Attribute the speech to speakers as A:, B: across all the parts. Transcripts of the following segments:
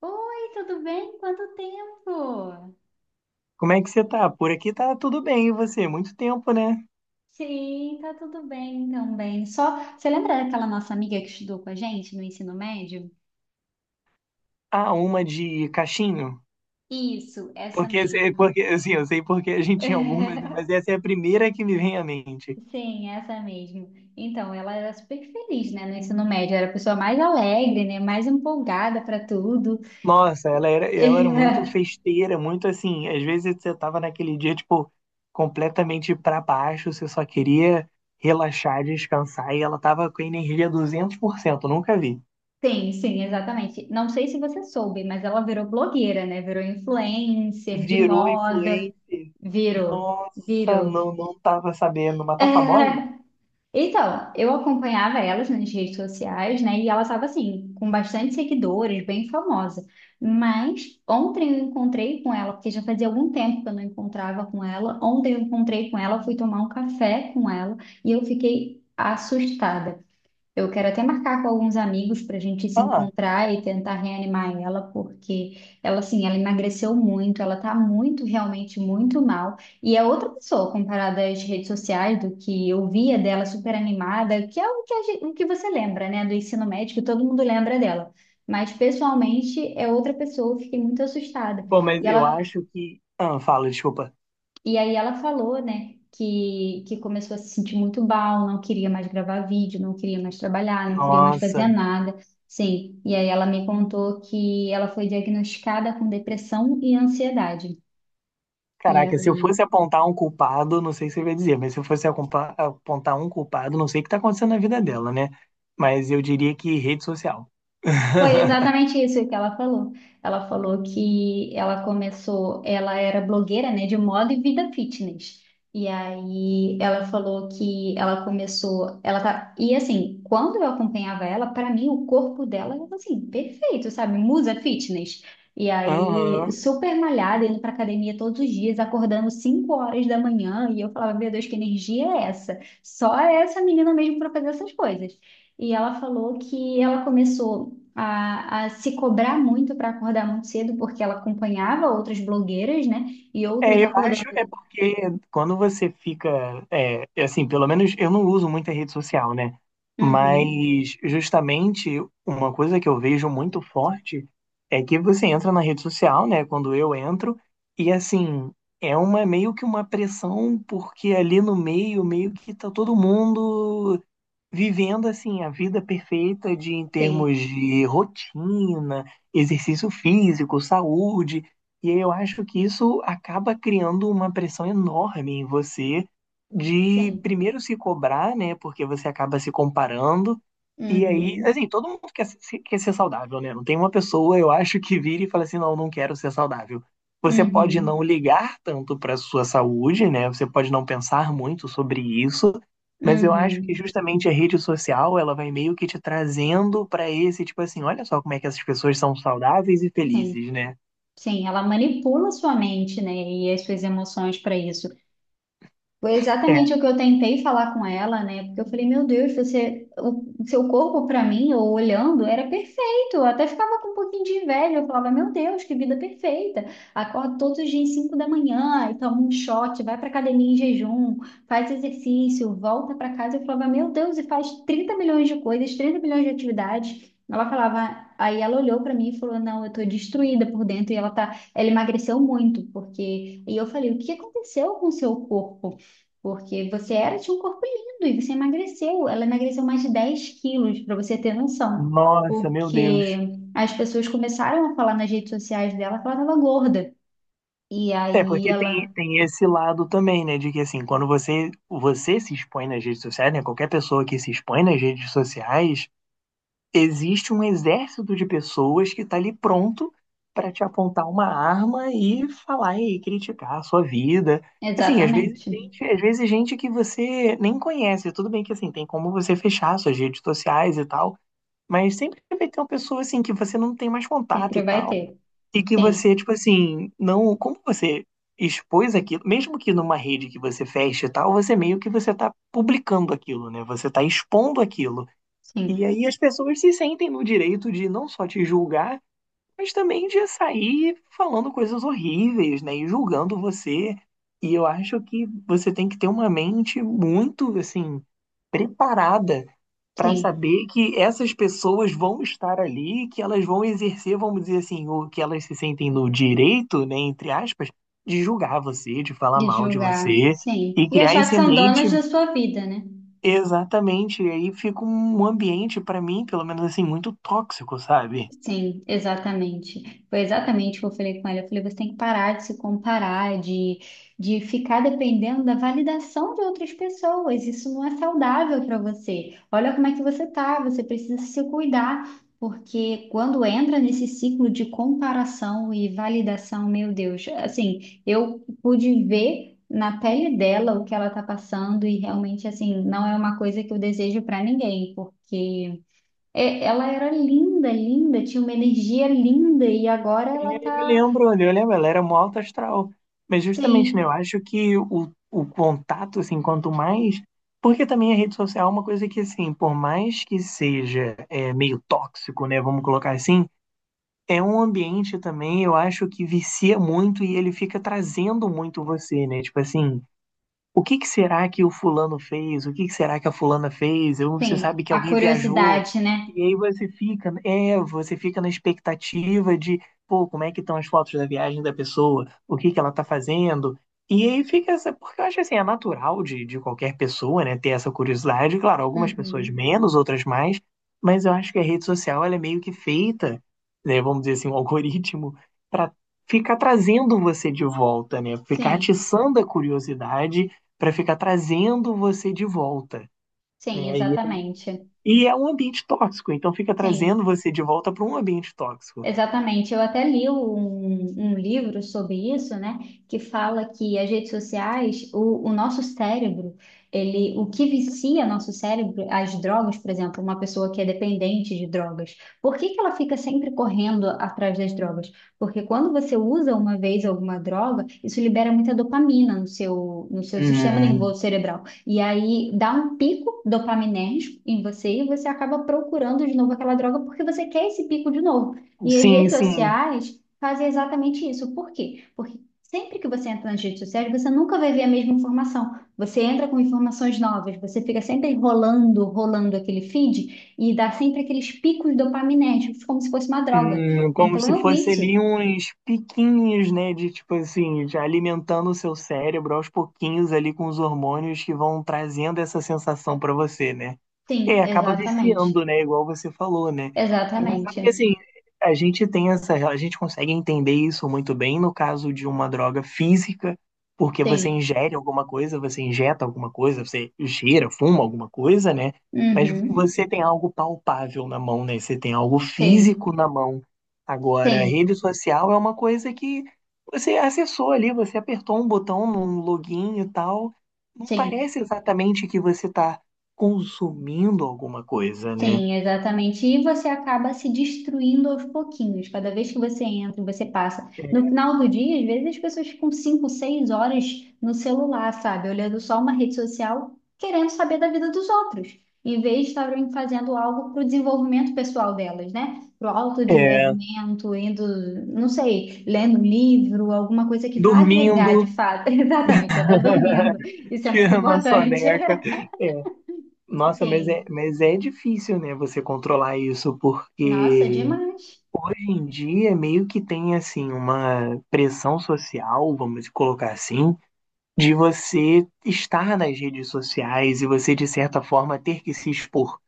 A: Oi, tudo bem? Quanto tempo?
B: Como é que você tá? Por aqui tá tudo bem, e você? Muito tempo, né?
A: Sim, tá tudo bem também. Só, você lembra daquela nossa amiga que estudou com a gente no ensino médio?
B: Ah, uma de cachinho?
A: Isso, essa
B: Porque,
A: mesmo.
B: porque assim, eu sei porque a gente tinha algumas, né? Mas essa é a primeira que me vem à mente.
A: Sim, essa mesmo. Então, ela era super feliz, né, no ensino médio, era a pessoa mais alegre, né, mais empolgada para tudo.
B: Nossa, ela era muito festeira, muito assim. Às vezes você tava naquele dia, tipo, completamente pra baixo, você só queria relaxar, descansar, e ela tava com a energia 200%, nunca vi.
A: Sim, sim, exatamente. Não sei se você soube, mas ela virou blogueira, né? Virou influencer de
B: Virou
A: moda.
B: influencer.
A: Virou,
B: Nossa,
A: virou.
B: não, não tava sabendo, mas tá famosa?
A: Então, eu acompanhava elas nas redes sociais, né? E ela estava assim, com bastante seguidores, bem famosa. Mas ontem eu encontrei com ela, porque já fazia algum tempo que eu não encontrava com ela. Ontem eu encontrei com ela, fui tomar um café com ela e eu fiquei assustada. Eu quero até marcar com alguns amigos para a gente se
B: Ah.
A: encontrar e tentar reanimar ela, porque ela, assim, ela emagreceu muito, ela tá muito, realmente muito mal. E é outra pessoa comparada às redes sociais, do que eu via dela super animada, que é o que, o que você lembra, né, do ensino médio, que todo mundo lembra dela. Mas pessoalmente é outra pessoa, eu fiquei muito assustada.
B: Bom, mas
A: E
B: eu
A: ela
B: acho que. Ah, fala, desculpa.
A: e aí ela falou, né, que começou a se sentir muito mal, não queria mais gravar vídeo, não queria mais trabalhar, não queria mais fazer
B: Nossa.
A: nada. Sim, e aí ela me contou que ela foi diagnosticada com depressão e ansiedade. E
B: Caraca, se eu
A: aí,
B: fosse apontar um culpado, não sei se eu ia dizer, mas se eu fosse apontar um culpado, não sei o que tá acontecendo na vida dela, né? Mas eu diria que rede social.
A: foi exatamente isso que ela falou. Ela falou que ela começou, ela era blogueira, né, de moda e vida fitness. E aí ela falou que ela começou, ela tá, e assim, quando eu acompanhava ela, para mim o corpo dela era assim, perfeito, sabe? Musa fitness. E aí,
B: Aham.
A: super malhada, indo pra academia todos os dias, acordando 5 horas da manhã, e eu falava, meu Deus, que energia é essa? Só essa menina mesmo para fazer essas coisas. E ela falou que ela começou a se cobrar muito para acordar muito cedo, porque ela acompanhava outras blogueiras, né? E outras
B: É, eu
A: acordando.
B: acho é porque quando você fica, é, assim, pelo menos eu não uso muita rede social, né?
A: Uhum.
B: Mas justamente uma coisa que eu vejo muito forte é que você entra na rede social, né? Quando eu entro, e assim, é uma meio que uma pressão, porque ali no meio, meio que tá todo mundo vivendo assim a vida perfeita de em
A: Sim,
B: termos de rotina, exercício físico, saúde. E aí eu acho que isso acaba criando uma pressão enorme em você de
A: sim.
B: primeiro se cobrar, né? Porque você acaba se comparando. E aí,
A: Uhum.
B: assim, todo mundo quer, se- quer ser saudável, né? Não tem uma pessoa, eu acho, que vira e fala assim, não, não quero ser saudável. Você pode não
A: Uhum.
B: ligar tanto para sua saúde, né? Você pode não pensar muito sobre isso, mas eu acho que
A: Uhum.
B: justamente a rede social, ela vai meio que te trazendo pra esse, tipo assim, olha só como é que essas pessoas são saudáveis e
A: Sim,
B: felizes, né?
A: sim. Ela manipula sua mente, né? E as suas emoções para isso. Foi
B: É,
A: exatamente o que eu tentei falar com ela, né? Porque eu falei, meu Deus, você, o seu corpo para mim, eu olhando, era perfeito. Eu até ficava com um pouquinho de inveja. Eu falava, meu Deus, que vida perfeita. Acorda todos os dias 5 da manhã, e toma um shot, vai para academia em jejum, faz exercício, volta para casa. Eu falava, meu Deus, e faz 30 milhões de coisas, 30 milhões de atividades. Ela falava, aí ela olhou para mim e falou, não, eu tô destruída por dentro e ela tá, ela emagreceu muito, porque, e eu falei, o que aconteceu com o seu corpo? Porque você era, tinha um corpo lindo e você emagreceu. Ela emagreceu mais de 10 quilos, para você ter noção.
B: nossa, meu
A: Porque
B: Deus.
A: as pessoas começaram a falar nas redes sociais dela que ela estava gorda. E
B: É,
A: aí
B: porque tem,
A: ela.
B: tem esse lado também, né? De que assim, quando você, você se expõe nas redes sociais, né? Qualquer pessoa que se expõe nas redes sociais, existe um exército de pessoas que está ali pronto para te apontar uma arma e falar e criticar a sua vida. Assim,
A: Exatamente.
B: às vezes gente que você nem conhece, tudo bem que assim, tem como você fechar suas redes sociais e tal, mas sempre vai ter uma pessoa assim que você não tem mais contato
A: Sempre
B: e
A: vai
B: tal,
A: ter.
B: e que
A: Sim,
B: você, tipo assim, não, como você expôs aquilo, mesmo que numa rede que você feche e tal, você meio que você tá publicando aquilo, né? Você tá expondo aquilo. E
A: sim,
B: aí as pessoas se sentem no direito de não só te julgar, mas também de sair falando coisas horríveis, né? E julgando você. E eu acho que você tem que ter uma mente muito, assim, preparada para
A: sim.
B: saber que essas pessoas vão estar ali, que elas vão exercer, vamos dizer assim, o que elas se sentem no direito, né, entre aspas, de julgar você, de falar
A: De
B: mal de
A: julgar,
B: você
A: sim.
B: e
A: E
B: criar
A: achar que
B: esse
A: são
B: ambiente.
A: donas da sua vida, né?
B: Exatamente, e aí fica um ambiente, pra mim, pelo menos assim, muito tóxico, sabe?
A: Sim, exatamente. Foi exatamente o que eu falei com ela. Eu falei, você tem que parar de se comparar, de ficar dependendo da validação de outras pessoas. Isso não é saudável para você. Olha como é que você tá, você precisa se cuidar, porque quando entra nesse ciclo de comparação e validação, meu Deus, assim, eu pude ver na pele dela o que ela tá passando e realmente, assim, não é uma coisa que eu desejo para ninguém, porque é, ela era linda, linda, tinha uma energia linda e agora ela tá.
B: Eu lembro, ela era mó alta astral. Mas justamente, né, eu
A: Sim,
B: acho que o contato, assim, quanto mais. Porque também a rede social é uma coisa que, assim, por mais que seja é, meio tóxico, né, vamos colocar assim, é um ambiente também, eu acho que vicia muito e ele fica trazendo muito você, né? Tipo assim. O que que será que o fulano fez? O que que será que a fulana fez? Ou você
A: sim,
B: sabe que
A: a
B: alguém viajou
A: curiosidade, né?
B: e aí você fica, é, você fica na expectativa de, pô, como é que estão as fotos da viagem da pessoa? O que que ela tá fazendo? E aí fica essa, porque eu acho assim, é natural de qualquer pessoa, né, ter essa curiosidade. Claro, algumas pessoas
A: Uhum.
B: menos, outras mais, mas eu acho que a rede social ela é meio que feita, né, vamos dizer assim, um algoritmo para ficar trazendo você de volta, né? Ficar
A: Sim,
B: atiçando a curiosidade para ficar trazendo você de volta.
A: sim,
B: Né?
A: exatamente.
B: E é um ambiente tóxico, então fica trazendo
A: Sim.
B: você de volta para um ambiente tóxico.
A: Exatamente, eu até li um livro sobre isso, né, que fala que as redes sociais, o nosso cérebro, ele, o que vicia nosso cérebro, as drogas, por exemplo, uma pessoa que é dependente de drogas, por que que ela fica sempre correndo atrás das drogas? Porque quando você usa uma vez alguma droga, isso libera muita dopamina no seu, no seu sistema
B: Hum,
A: nervoso cerebral, e aí dá um pico dopaminérgico em você e você acaba procurando de novo aquela droga porque você quer esse pico de novo. E as
B: sim,
A: redes
B: sim.
A: sociais fazem exatamente isso. Por quê? Porque sempre que você entra nas redes sociais, você nunca vai ver a mesma informação. Você entra com informações novas, você fica sempre rolando, rolando aquele feed e dá sempre aqueles picos dopaminérgicos, como se fosse uma droga.
B: Como
A: Então
B: se
A: é um
B: fosse
A: vício.
B: ali uns piquinhos, né? De tipo assim, de alimentando o seu cérebro aos pouquinhos ali com os hormônios que vão trazendo essa sensação pra você, né? É,
A: Sim,
B: acaba
A: exatamente.
B: viciando, né? Igual você falou, né? É engraçado
A: Exatamente.
B: que assim, a gente tem essa, a gente consegue entender isso muito bem no caso de uma droga física, porque você
A: Sim.
B: ingere alguma coisa, você injeta alguma coisa, você cheira, fuma alguma coisa, né? Mas
A: Uhum.
B: você tem algo palpável na mão, né? Você tem algo
A: Sim,
B: físico na mão. Agora, a
A: sim,
B: rede social é uma coisa que você acessou ali, você apertou um botão num login e tal. Não
A: sim.
B: parece exatamente que você está consumindo alguma coisa, né?
A: Sim, exatamente. E você acaba se destruindo aos pouquinhos. Cada vez que você entra, você passa. No final do dia, às vezes as pessoas ficam 5, 6 horas no celular, sabe? Olhando só uma rede social, querendo saber da vida dos outros, em vez de estarem fazendo algo para o desenvolvimento pessoal delas, né? Para o
B: É, é,
A: autodesenvolvimento, indo, não sei, lendo um livro, alguma coisa que vá agregar de
B: dormindo,
A: fato. Exatamente, até dormindo. Isso é muito
B: tirando a
A: importante.
B: soneca. É, nossa,
A: Sim.
B: mas é difícil, né, você controlar isso,
A: Nossa,
B: porque
A: demais.
B: em dia meio que tem assim uma pressão social, vamos colocar assim, de você estar nas redes sociais e você de certa forma ter que se expor.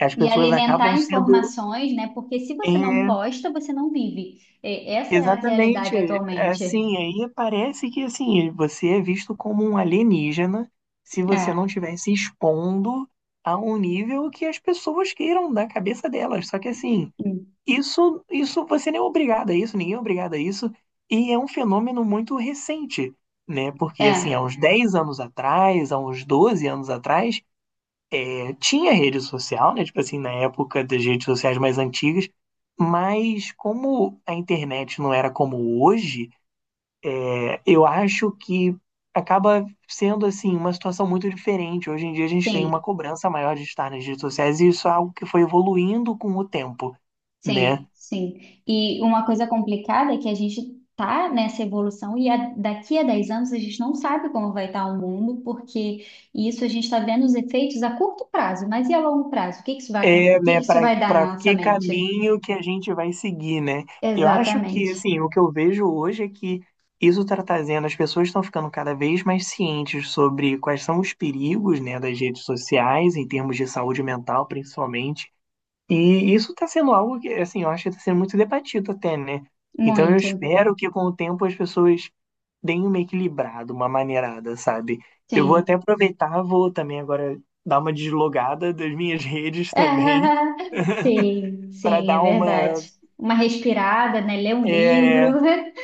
B: As
A: E
B: pessoas acabam
A: alimentar
B: sendo
A: informações, né? Porque se você não
B: é,
A: posta, você não vive. Essa é a
B: exatamente
A: realidade atualmente.
B: assim, aí parece que assim, você é visto como um alienígena se você não
A: É,
B: estiver se expondo a um nível que as pessoas queiram da cabeça delas. Só que assim,
A: hum,
B: isso, você nem é obrigado a isso, ninguém é obrigado a isso, e é um fenômeno muito recente, né? Porque, assim, há
A: é,
B: uns 10 anos atrás, há uns 12 anos atrás, tinha rede social, né? Tipo assim, na época das redes sociais mais antigas, mas como a internet não era como hoje, eu acho que acaba sendo, assim, uma situação muito diferente. Hoje em dia a gente tem
A: sim,
B: uma cobrança maior de estar nas redes sociais, e isso é algo que foi evoluindo com o tempo, né?
A: sim, sim. E uma coisa complicada é que a gente tá nessa evolução e daqui a 10 anos a gente não sabe como vai estar o mundo, porque isso a gente está vendo os efeitos a curto prazo, mas e a longo prazo? O que que isso vai, o
B: É,
A: que que
B: né,
A: isso
B: para
A: vai dar
B: para
A: na nossa
B: que
A: mente?
B: caminho que a gente vai seguir, né? Eu acho que,
A: Exatamente.
B: assim, o que eu vejo hoje é que isso está trazendo, as pessoas estão ficando cada vez mais cientes sobre quais são os perigos, né, das redes sociais, em termos de saúde mental, principalmente. E isso está sendo algo que, assim, eu acho que está sendo muito debatido até, né? Então eu
A: Muito.
B: espero que com o tempo as pessoas deem uma equilibrada, uma maneirada, sabe? Eu vou até
A: Sim.
B: aproveitar, vou também agora dar uma deslogada das minhas redes também
A: Ah, sim,
B: para
A: sim, é
B: dar uma.
A: verdade. Uma respirada, né? Ler um livro.
B: É,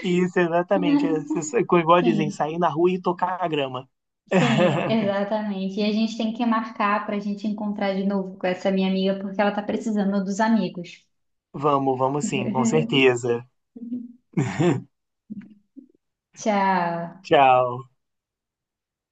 B: isso, exatamente. Isso, igual dizem,
A: Sim,
B: sair na rua e tocar a grama.
A: sim, exatamente. E a gente tem que marcar para a gente encontrar de novo com essa minha amiga, porque ela tá precisando dos amigos.
B: Vamos, vamos sim, com certeza.
A: Tchau.
B: Tchau.